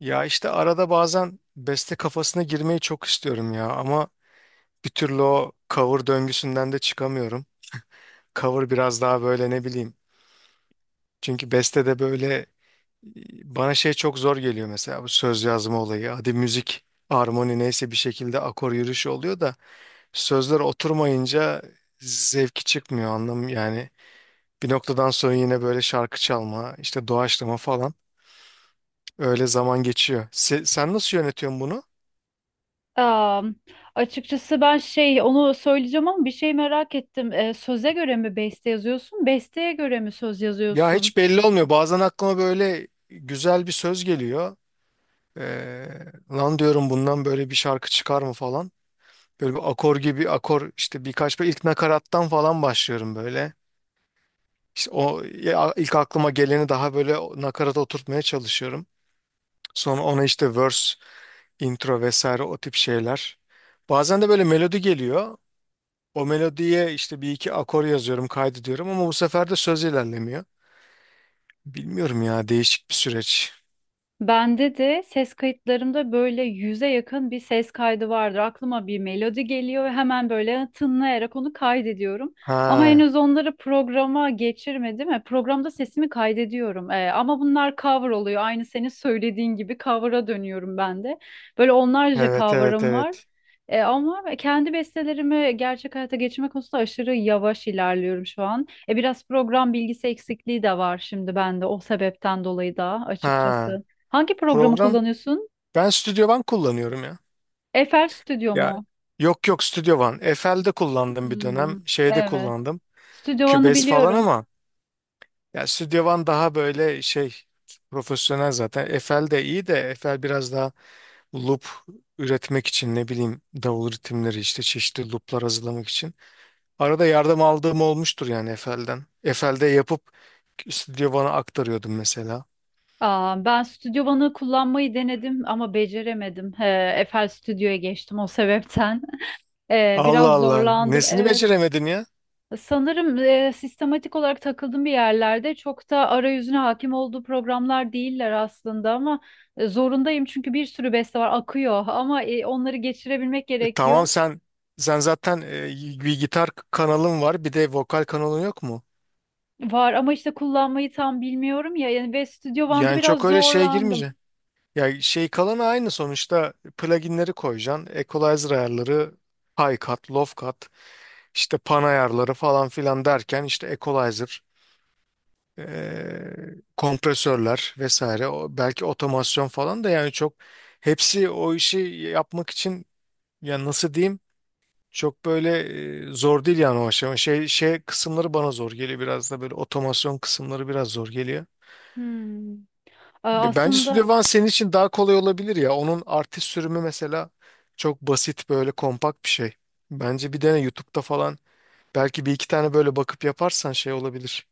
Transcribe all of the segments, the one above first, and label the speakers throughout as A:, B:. A: Ya işte arada bazen beste kafasına girmeyi çok istiyorum ya ama bir türlü o cover döngüsünden de çıkamıyorum. Cover biraz daha böyle ne bileyim. Çünkü beste de böyle bana şey çok zor geliyor mesela bu söz yazma olayı. Hadi müzik, armoni neyse bir şekilde akor yürüyüşü oluyor da sözler oturmayınca zevki çıkmıyor anlam yani. Bir noktadan sonra yine böyle şarkı çalma, işte doğaçlama falan öyle zaman geçiyor. Sen nasıl yönetiyorsun bunu?
B: Aa, açıkçası ben şey onu söyleyeceğim ama bir şey merak ettim. Söze göre mi beste yazıyorsun? Besteye göre mi söz
A: Ya
B: yazıyorsun?
A: hiç belli olmuyor. Bazen aklıma böyle güzel bir söz geliyor. Ee, Lan diyorum bundan böyle bir şarkı çıkar mı falan. Böyle bir akor gibi akor işte birkaç böyle ilk nakarattan falan başlıyorum böyle. İşte o ya, ilk aklıma geleni daha böyle nakarata oturtmaya çalışıyorum. Sonra ona işte verse, intro vesaire o tip şeyler. Bazen de böyle melodi geliyor. O melodiye işte bir iki akor yazıyorum, kaydediyorum ama bu sefer de söz ilerlemiyor. Bilmiyorum ya değişik bir süreç.
B: Bende de ses kayıtlarımda böyle yüze yakın bir ses kaydı vardır. Aklıma bir melodi geliyor ve hemen böyle tınlayarak onu kaydediyorum. Ama
A: Ha.
B: henüz onları programa geçirmedim. Programda sesimi kaydediyorum. Ama bunlar cover oluyor. Aynı senin söylediğin gibi cover'a dönüyorum ben de. Böyle onlarca
A: Evet, evet,
B: cover'ım var.
A: evet.
B: Ama kendi bestelerimi gerçek hayata geçirme konusunda aşırı yavaş ilerliyorum şu an. Biraz program bilgisi eksikliği de var şimdi bende o sebepten dolayı da
A: Ha,
B: açıkçası. Hangi programı
A: program
B: kullanıyorsun?
A: ben Studio One kullanıyorum ya.
B: Eiffel Studio mu?
A: Ya, yok yok Studio One. FL'de kullandım bir
B: Hmm.
A: dönem. Şeyde
B: Evet.
A: kullandım.
B: Stüdyo One'ı
A: Cubase falan
B: biliyorum.
A: ama ya Studio One daha böyle şey profesyonel zaten. FL de iyi de FL biraz daha loop üretmek için ne bileyim davul ritimleri işte çeşitli looplar hazırlamak için. Arada yardım aldığım olmuştur yani FL'den. FL'de yapıp Studio One'a aktarıyordum mesela.
B: Ben Stüdyo One'ı kullanmayı denedim ama beceremedim. He, Eiffel Stüdyo'ya geçtim o sebepten.
A: Allah
B: Biraz
A: Allah.
B: zorlandım.
A: Nesini
B: Evet.
A: beceremedin?
B: Sanırım sistematik olarak takıldım bir yerlerde. Çok da arayüzüne hakim olduğu programlar değiller aslında ama zorundayım çünkü bir sürü beste var akıyor ama onları geçirebilmek gerekiyor.
A: Tamam, sen sen zaten bir gitar kanalın var, bir de vokal kanalın yok mu?
B: Var ama işte kullanmayı tam bilmiyorum ya. Yani ve Studio One'da
A: Yani çok
B: biraz
A: öyle şeye
B: zorlandım.
A: girmeyeceksin. Ya şey, kalanı aynı sonuçta, pluginleri koyacaksın. Equalizer ayarları, high cut, low cut, işte pan ayarları falan filan derken işte equalizer, kompresörler vesaire, o belki otomasyon falan da, yani çok hepsi o işi yapmak için, ya nasıl diyeyim, çok böyle zor değil yani o aşama. Şey, şey kısımları bana zor geliyor, biraz da böyle otomasyon kısımları biraz zor geliyor.
B: Hmm.
A: Bence
B: Aslında
A: Studio One senin için daha kolay olabilir ya. Onun artist sürümü mesela çok basit, böyle kompakt bir şey. Bence bir dene, YouTube'da falan belki bir iki tane böyle bakıp yaparsan şey olabilir.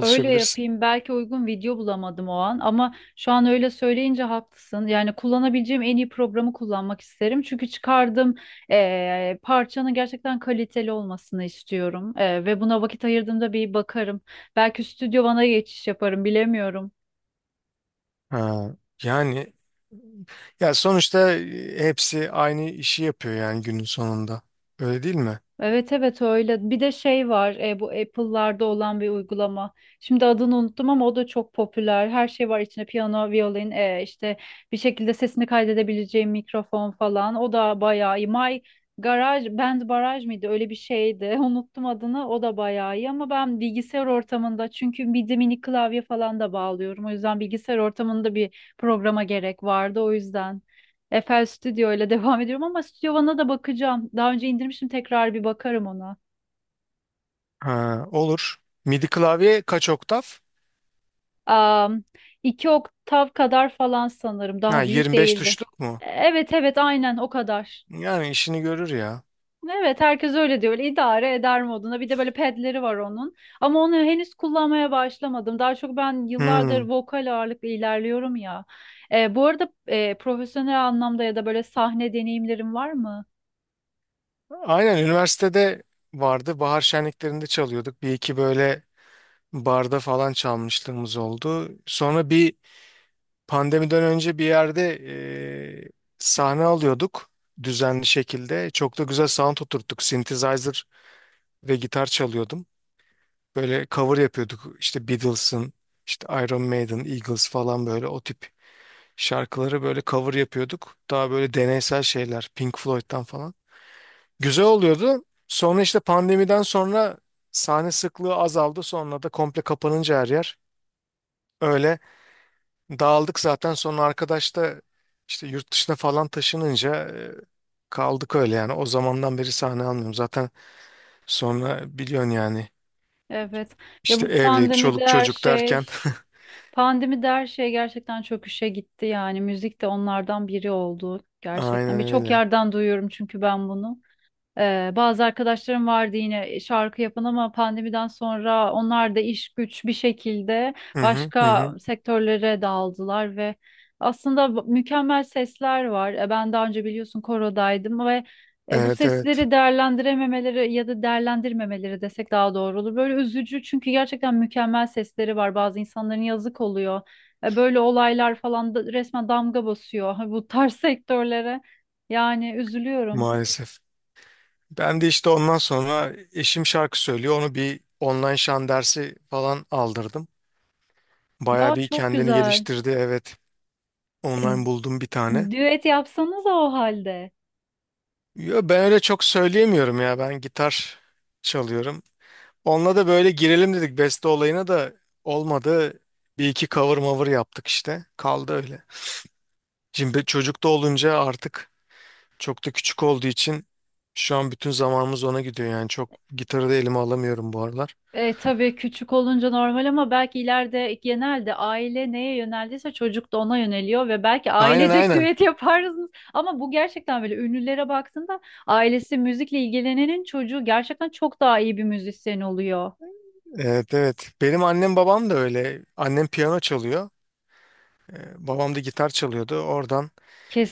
B: öyle yapayım. Belki uygun video bulamadım o an ama şu an öyle söyleyince haklısın. Yani kullanabileceğim en iyi programı kullanmak isterim. Çünkü çıkardığım parçanın gerçekten kaliteli olmasını istiyorum. Ve buna vakit ayırdığımda bir bakarım. Belki Studio One'a geçiş yaparım bilemiyorum.
A: Ha, yani ya sonuçta hepsi aynı işi yapıyor yani günün sonunda. Öyle değil mi?
B: Evet evet öyle. Bir de şey var bu Apple'larda olan bir uygulama. Şimdi adını unuttum ama o da çok popüler. Her şey var içinde piyano, violin, işte bir şekilde sesini kaydedebileceğim mikrofon falan. O da bayağı iyi. My Garage Band Baraj mıydı? Öyle bir şeydi. Unuttum adını. O da bayağı iyi ama ben bilgisayar ortamında çünkü bir de mini klavye falan da bağlıyorum. O yüzden bilgisayar ortamında bir programa gerek vardı o yüzden. FL Studio ile devam ediyorum ama Studio One'a da bakacağım. Daha önce indirmiştim tekrar bir bakarım ona.
A: Ha, olur. MIDI klavye kaç oktav?
B: Am, iki oktav kadar falan sanırım.
A: Ha,
B: Daha büyük
A: 25
B: değildi.
A: tuşluk mu?
B: Evet evet aynen o kadar.
A: Yani işini görür ya.
B: Evet herkes öyle diyor. Öyle idare eder moduna. Bir de böyle pedleri var onun. Ama onu henüz kullanmaya başlamadım. Daha çok ben yıllardır
A: Hmm.
B: vokal ağırlıklı ilerliyorum ya. Bu arada profesyonel anlamda ya da böyle sahne deneyimlerim var mı?
A: Aynen, üniversitede vardı. Bahar şenliklerinde çalıyorduk. Bir iki böyle barda falan çalmışlığımız oldu. Sonra bir pandemiden önce bir yerde eee, sahne alıyorduk düzenli şekilde. Çok da güzel sound oturttuk. Synthesizer ve gitar çalıyordum. Böyle cover yapıyorduk. İşte Beatles'ın, işte Iron Maiden, Eagles falan, böyle o tip şarkıları böyle cover yapıyorduk. Daha böyle deneysel şeyler, Pink Floyd'dan falan. Güzel oluyordu. Sonra işte pandemiden sonra sahne sıklığı azaldı. Sonra da komple kapanınca her yer öyle dağıldık zaten. Sonra arkadaş da işte yurt dışına falan taşınınca kaldık öyle yani. O zamandan beri sahne almıyorum. Zaten sonra biliyorsun yani
B: Evet. Ya
A: işte
B: bu
A: evlilik,
B: pandemide
A: çoluk
B: her
A: çocuk derken
B: şey Pandemi de her şey gerçekten çöküşe gitti yani müzik de onlardan biri oldu gerçekten.
A: aynen
B: Birçok
A: öyle.
B: yerden duyuyorum çünkü ben bunu. Bazı arkadaşlarım vardı yine şarkı yapan ama pandemiden sonra onlar da iş güç bir şekilde
A: Hı hı hı.
B: başka
A: Hı.
B: sektörlere dağıldılar ve aslında mükemmel sesler var. Ben daha önce biliyorsun korodaydım ve bu
A: Evet, evet,
B: sesleri değerlendirememeleri ya da değerlendirmemeleri desek daha doğru olur. Böyle üzücü çünkü gerçekten mükemmel sesleri var. Bazı insanların yazık oluyor. Böyle olaylar falan da resmen damga basıyor bu tarz sektörlere. Yani üzülüyorum.
A: maalesef. Ben de işte ondan sonra eşim şarkı söylüyor. Onu bir online şan dersi falan aldırdım.
B: Ya
A: Baya bir
B: çok
A: kendini
B: güzel.
A: geliştirdi. Evet,
B: E,
A: online buldum bir tane.
B: Düet yapsanız o halde.
A: Yo, ben öyle çok söyleyemiyorum ya. Ben gitar çalıyorum. Onunla da böyle girelim dedik. Beste olayına da olmadı. Bir iki cover maver yaptık işte. Kaldı öyle. Şimdi çocuk da olunca artık çok da küçük olduğu için şu an bütün zamanımız ona gidiyor. Yani çok gitarı da elime alamıyorum bu aralar.
B: Tabii küçük olunca normal ama belki ileride genelde aile neye yöneldiyse çocuk da ona yöneliyor ve belki
A: Aynen,
B: ailecek
A: aynen.
B: düet yaparsınız. Ama bu gerçekten böyle ünlülere baktığında ailesi müzikle ilgilenenin çocuğu gerçekten çok daha iyi bir müzisyen oluyor.
A: Evet, evet. Benim annem babam da öyle. Annem piyano çalıyor. Babam da gitar çalıyordu. Oradan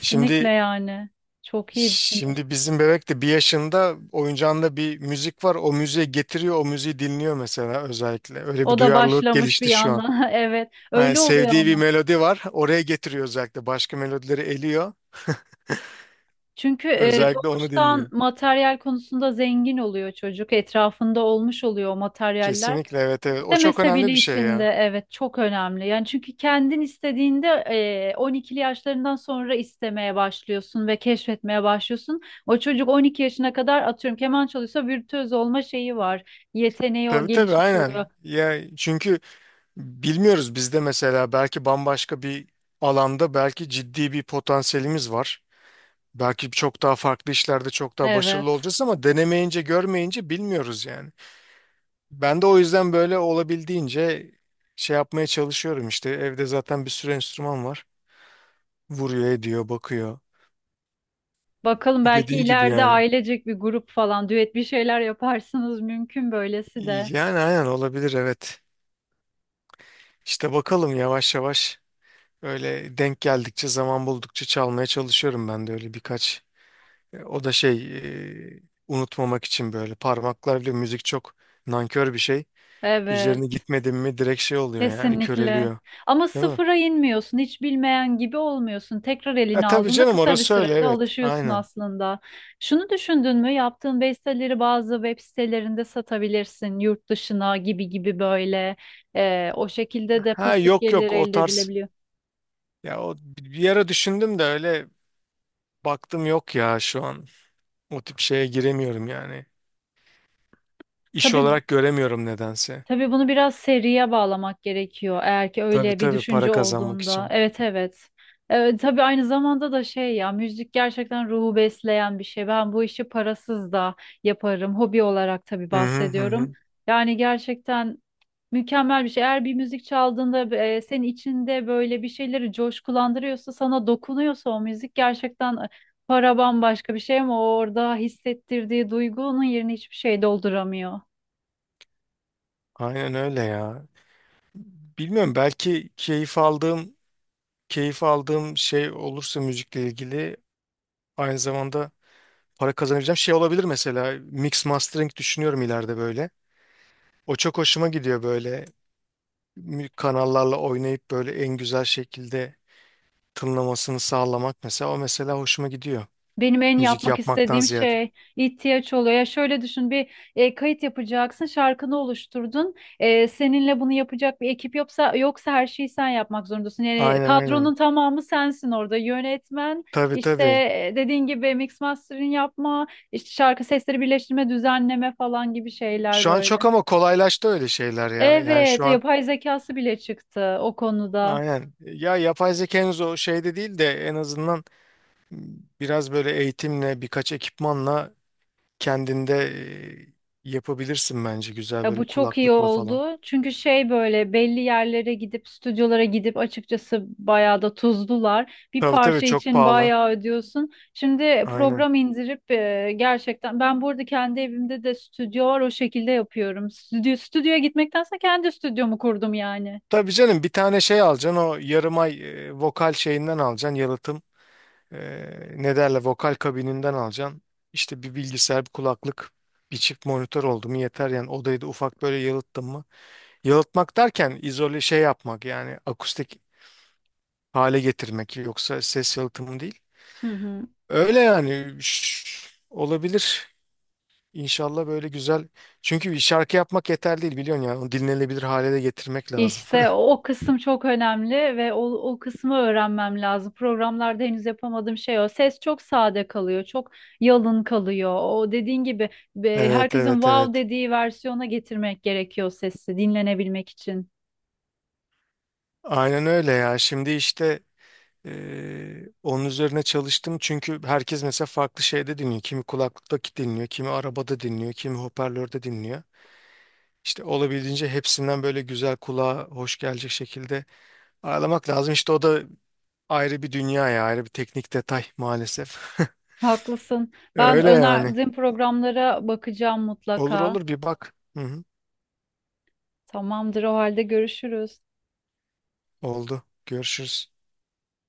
A: şimdi,
B: yani. Çok iyi.
A: şimdi bizim bebek de bir yaşında, oyuncağında bir müzik var. O müziğe getiriyor. O müziği dinliyor mesela özellikle. Öyle bir
B: O da
A: duyarlılık
B: başlamış bir
A: gelişti şu an.
B: yandan. Evet,
A: Yani
B: öyle oluyor
A: sevdiği bir
B: ama.
A: melodi var. Oraya getiriyor özellikle. Başka melodileri eliyor.
B: Çünkü
A: Özellikle onu
B: doğuştan
A: dinliyor.
B: materyal konusunda zengin oluyor çocuk. Etrafında olmuş oluyor o materyaller.
A: Kesinlikle, evet, evet. O çok
B: İstemese bile
A: önemli bir şey
B: içinde
A: ya.
B: evet çok önemli. Yani çünkü kendin istediğinde 12'li yaşlarından sonra istemeye başlıyorsun ve keşfetmeye başlıyorsun. O çocuk 12 yaşına kadar atıyorum keman çalıyorsa virtüöz olma şeyi var. Yeteneği o
A: Tabii tabii
B: gelişmiş oluyor.
A: aynen. Ya çünkü bilmiyoruz, bizde mesela belki bambaşka bir alanda belki ciddi bir potansiyelimiz var. Belki çok daha farklı işlerde çok daha başarılı
B: Evet.
A: olacağız ama denemeyince görmeyince bilmiyoruz yani. Ben de o yüzden böyle olabildiğince şey yapmaya çalışıyorum işte. Evde zaten bir sürü enstrüman var. Vuruyor, ediyor, bakıyor.
B: Bakalım belki
A: Dediğin gibi
B: ileride
A: yani.
B: ailecek bir grup falan düet bir şeyler yaparsınız mümkün böylesi de.
A: Yani aynen olabilir, evet. İşte bakalım, yavaş yavaş öyle denk geldikçe zaman buldukça çalmaya çalışıyorum ben de öyle birkaç. O da şey, e, unutmamak için böyle parmaklar bile, müzik çok nankör bir şey. Üzerine
B: Evet.
A: gitmedim mi direkt şey oluyor yani,
B: Kesinlikle.
A: köreliyor.
B: Ama
A: Değil mi?
B: sıfıra inmiyorsun, hiç bilmeyen gibi olmuyorsun. Tekrar
A: Ha,
B: elini
A: tabii
B: aldığında
A: canım,
B: kısa bir
A: orası öyle,
B: sürede
A: evet.
B: alışıyorsun
A: Aynen.
B: aslında. Şunu düşündün mü? Yaptığın besteleri bazı web sitelerinde satabilirsin, yurt dışına gibi gibi böyle. O şekilde de
A: Ha,
B: pasif
A: yok yok,
B: gelir
A: o
B: elde
A: tarz.
B: edilebiliyor.
A: Ya o bir ara düşündüm de öyle baktım, yok ya şu an. O tip şeye giremiyorum yani. İş
B: Tabii
A: olarak göremiyorum nedense.
B: Tabii, bunu biraz seriye bağlamak gerekiyor eğer ki
A: Tabii
B: öyle bir
A: tabii, para
B: düşünce
A: kazanmak
B: olduğunda.
A: için.
B: Evet evet. Evet, tabii aynı zamanda da şey ya müzik gerçekten ruhu besleyen bir şey. Ben bu işi parasız da yaparım. Hobi olarak tabii
A: Hı hı hı.
B: bahsediyorum.
A: Hı.
B: Yani gerçekten mükemmel bir şey. Eğer bir müzik çaldığında senin içinde böyle bir şeyleri coşkulandırıyorsa, sana dokunuyorsa o müzik gerçekten para bambaşka bir şey ama orada hissettirdiği duygunun yerini hiçbir şey dolduramıyor.
A: Aynen öyle ya. Bilmiyorum, belki keyif aldığım, keyif aldığım şey olursa müzikle ilgili, aynı zamanda para kazanabileceğim şey olabilir, mesela mix mastering düşünüyorum ileride böyle. O çok hoşuma gidiyor, böyle kanallarla oynayıp böyle en güzel şekilde tınlamasını sağlamak mesela, o mesela hoşuma gidiyor
B: Benim en
A: müzik
B: yapmak
A: yapmaktan
B: istediğim
A: ziyade.
B: şey ihtiyaç oluyor. Ya şöyle düşün bir kayıt yapacaksın, şarkını oluşturdun. Seninle bunu yapacak bir ekip yoksa her şeyi sen yapmak zorundasın. Yani
A: Aynen, aynen.
B: kadronun tamamı sensin orada. Yönetmen,
A: Tabii,
B: işte
A: tabii.
B: dediğin gibi mix mastering yapma, işte şarkı sesleri birleştirme, düzenleme falan gibi şeyler
A: Şu an
B: böyle.
A: çok ama kolaylaştı öyle şeyler ya. Yani
B: Evet,
A: şu an
B: yapay zekası bile çıktı o konuda.
A: aynen. Ya yapay zeka henüz o şeyde değil de en azından biraz böyle eğitimle, birkaç ekipmanla kendinde yapabilirsin bence, güzel
B: Ya
A: böyle
B: bu çok iyi
A: kulaklıkla falan.
B: oldu. Çünkü şey böyle belli yerlere gidip stüdyolara gidip açıkçası bayağı da tuzdular. Bir
A: Tabii tabii,
B: parça
A: çok
B: için
A: pahalı.
B: bayağı ödüyorsun. Şimdi
A: Aynen.
B: program indirip gerçekten ben burada kendi evimde de stüdyo var o şekilde yapıyorum. Stüdyo, stüdyoya gitmektense kendi stüdyomu kurdum yani.
A: Tabii canım, bir tane şey alacaksın, o yarım ay vokal şeyinden alacaksın, yalıtım. E, Ne derler, vokal kabininden alacaksın. İşte bir bilgisayar, bir kulaklık, bir çift monitör oldu mu yeter yani, odayı da ufak böyle yalıttın mı? Yalıtmak derken izole şey yapmak yani, akustik hale getirmek, yoksa ses yalıtımı değil.
B: Hı hı.
A: Öyle yani, olabilir. İnşallah böyle güzel. Çünkü bir şarkı yapmak yeterli değil biliyorsun ya. Onu dinlenebilir hale de getirmek lazım.
B: İşte o kısım çok önemli ve o kısmı öğrenmem lazım. Programlarda henüz yapamadığım şey o. Ses çok sade kalıyor, çok yalın kalıyor. O dediğin gibi
A: Evet,
B: herkesin
A: evet,
B: wow
A: evet.
B: dediği versiyona getirmek gerekiyor sesi dinlenebilmek için.
A: Aynen öyle ya. Şimdi işte onun üzerine çalıştım. Çünkü herkes mesela farklı şeyde dinliyor. Kimi kulaklıkta dinliyor, kimi arabada dinliyor, kimi hoparlörde dinliyor. İşte olabildiğince hepsinden böyle güzel, kulağa hoş gelecek şekilde ayarlamak lazım. İşte o da ayrı bir dünya ya, ayrı bir teknik detay maalesef.
B: Haklısın. Ben
A: Öyle yani.
B: önerdiğin programlara bakacağım
A: Olur
B: mutlaka.
A: olur, bir bak. Hı hı.
B: Tamamdır o halde görüşürüz.
A: Oldu. Görüşürüz.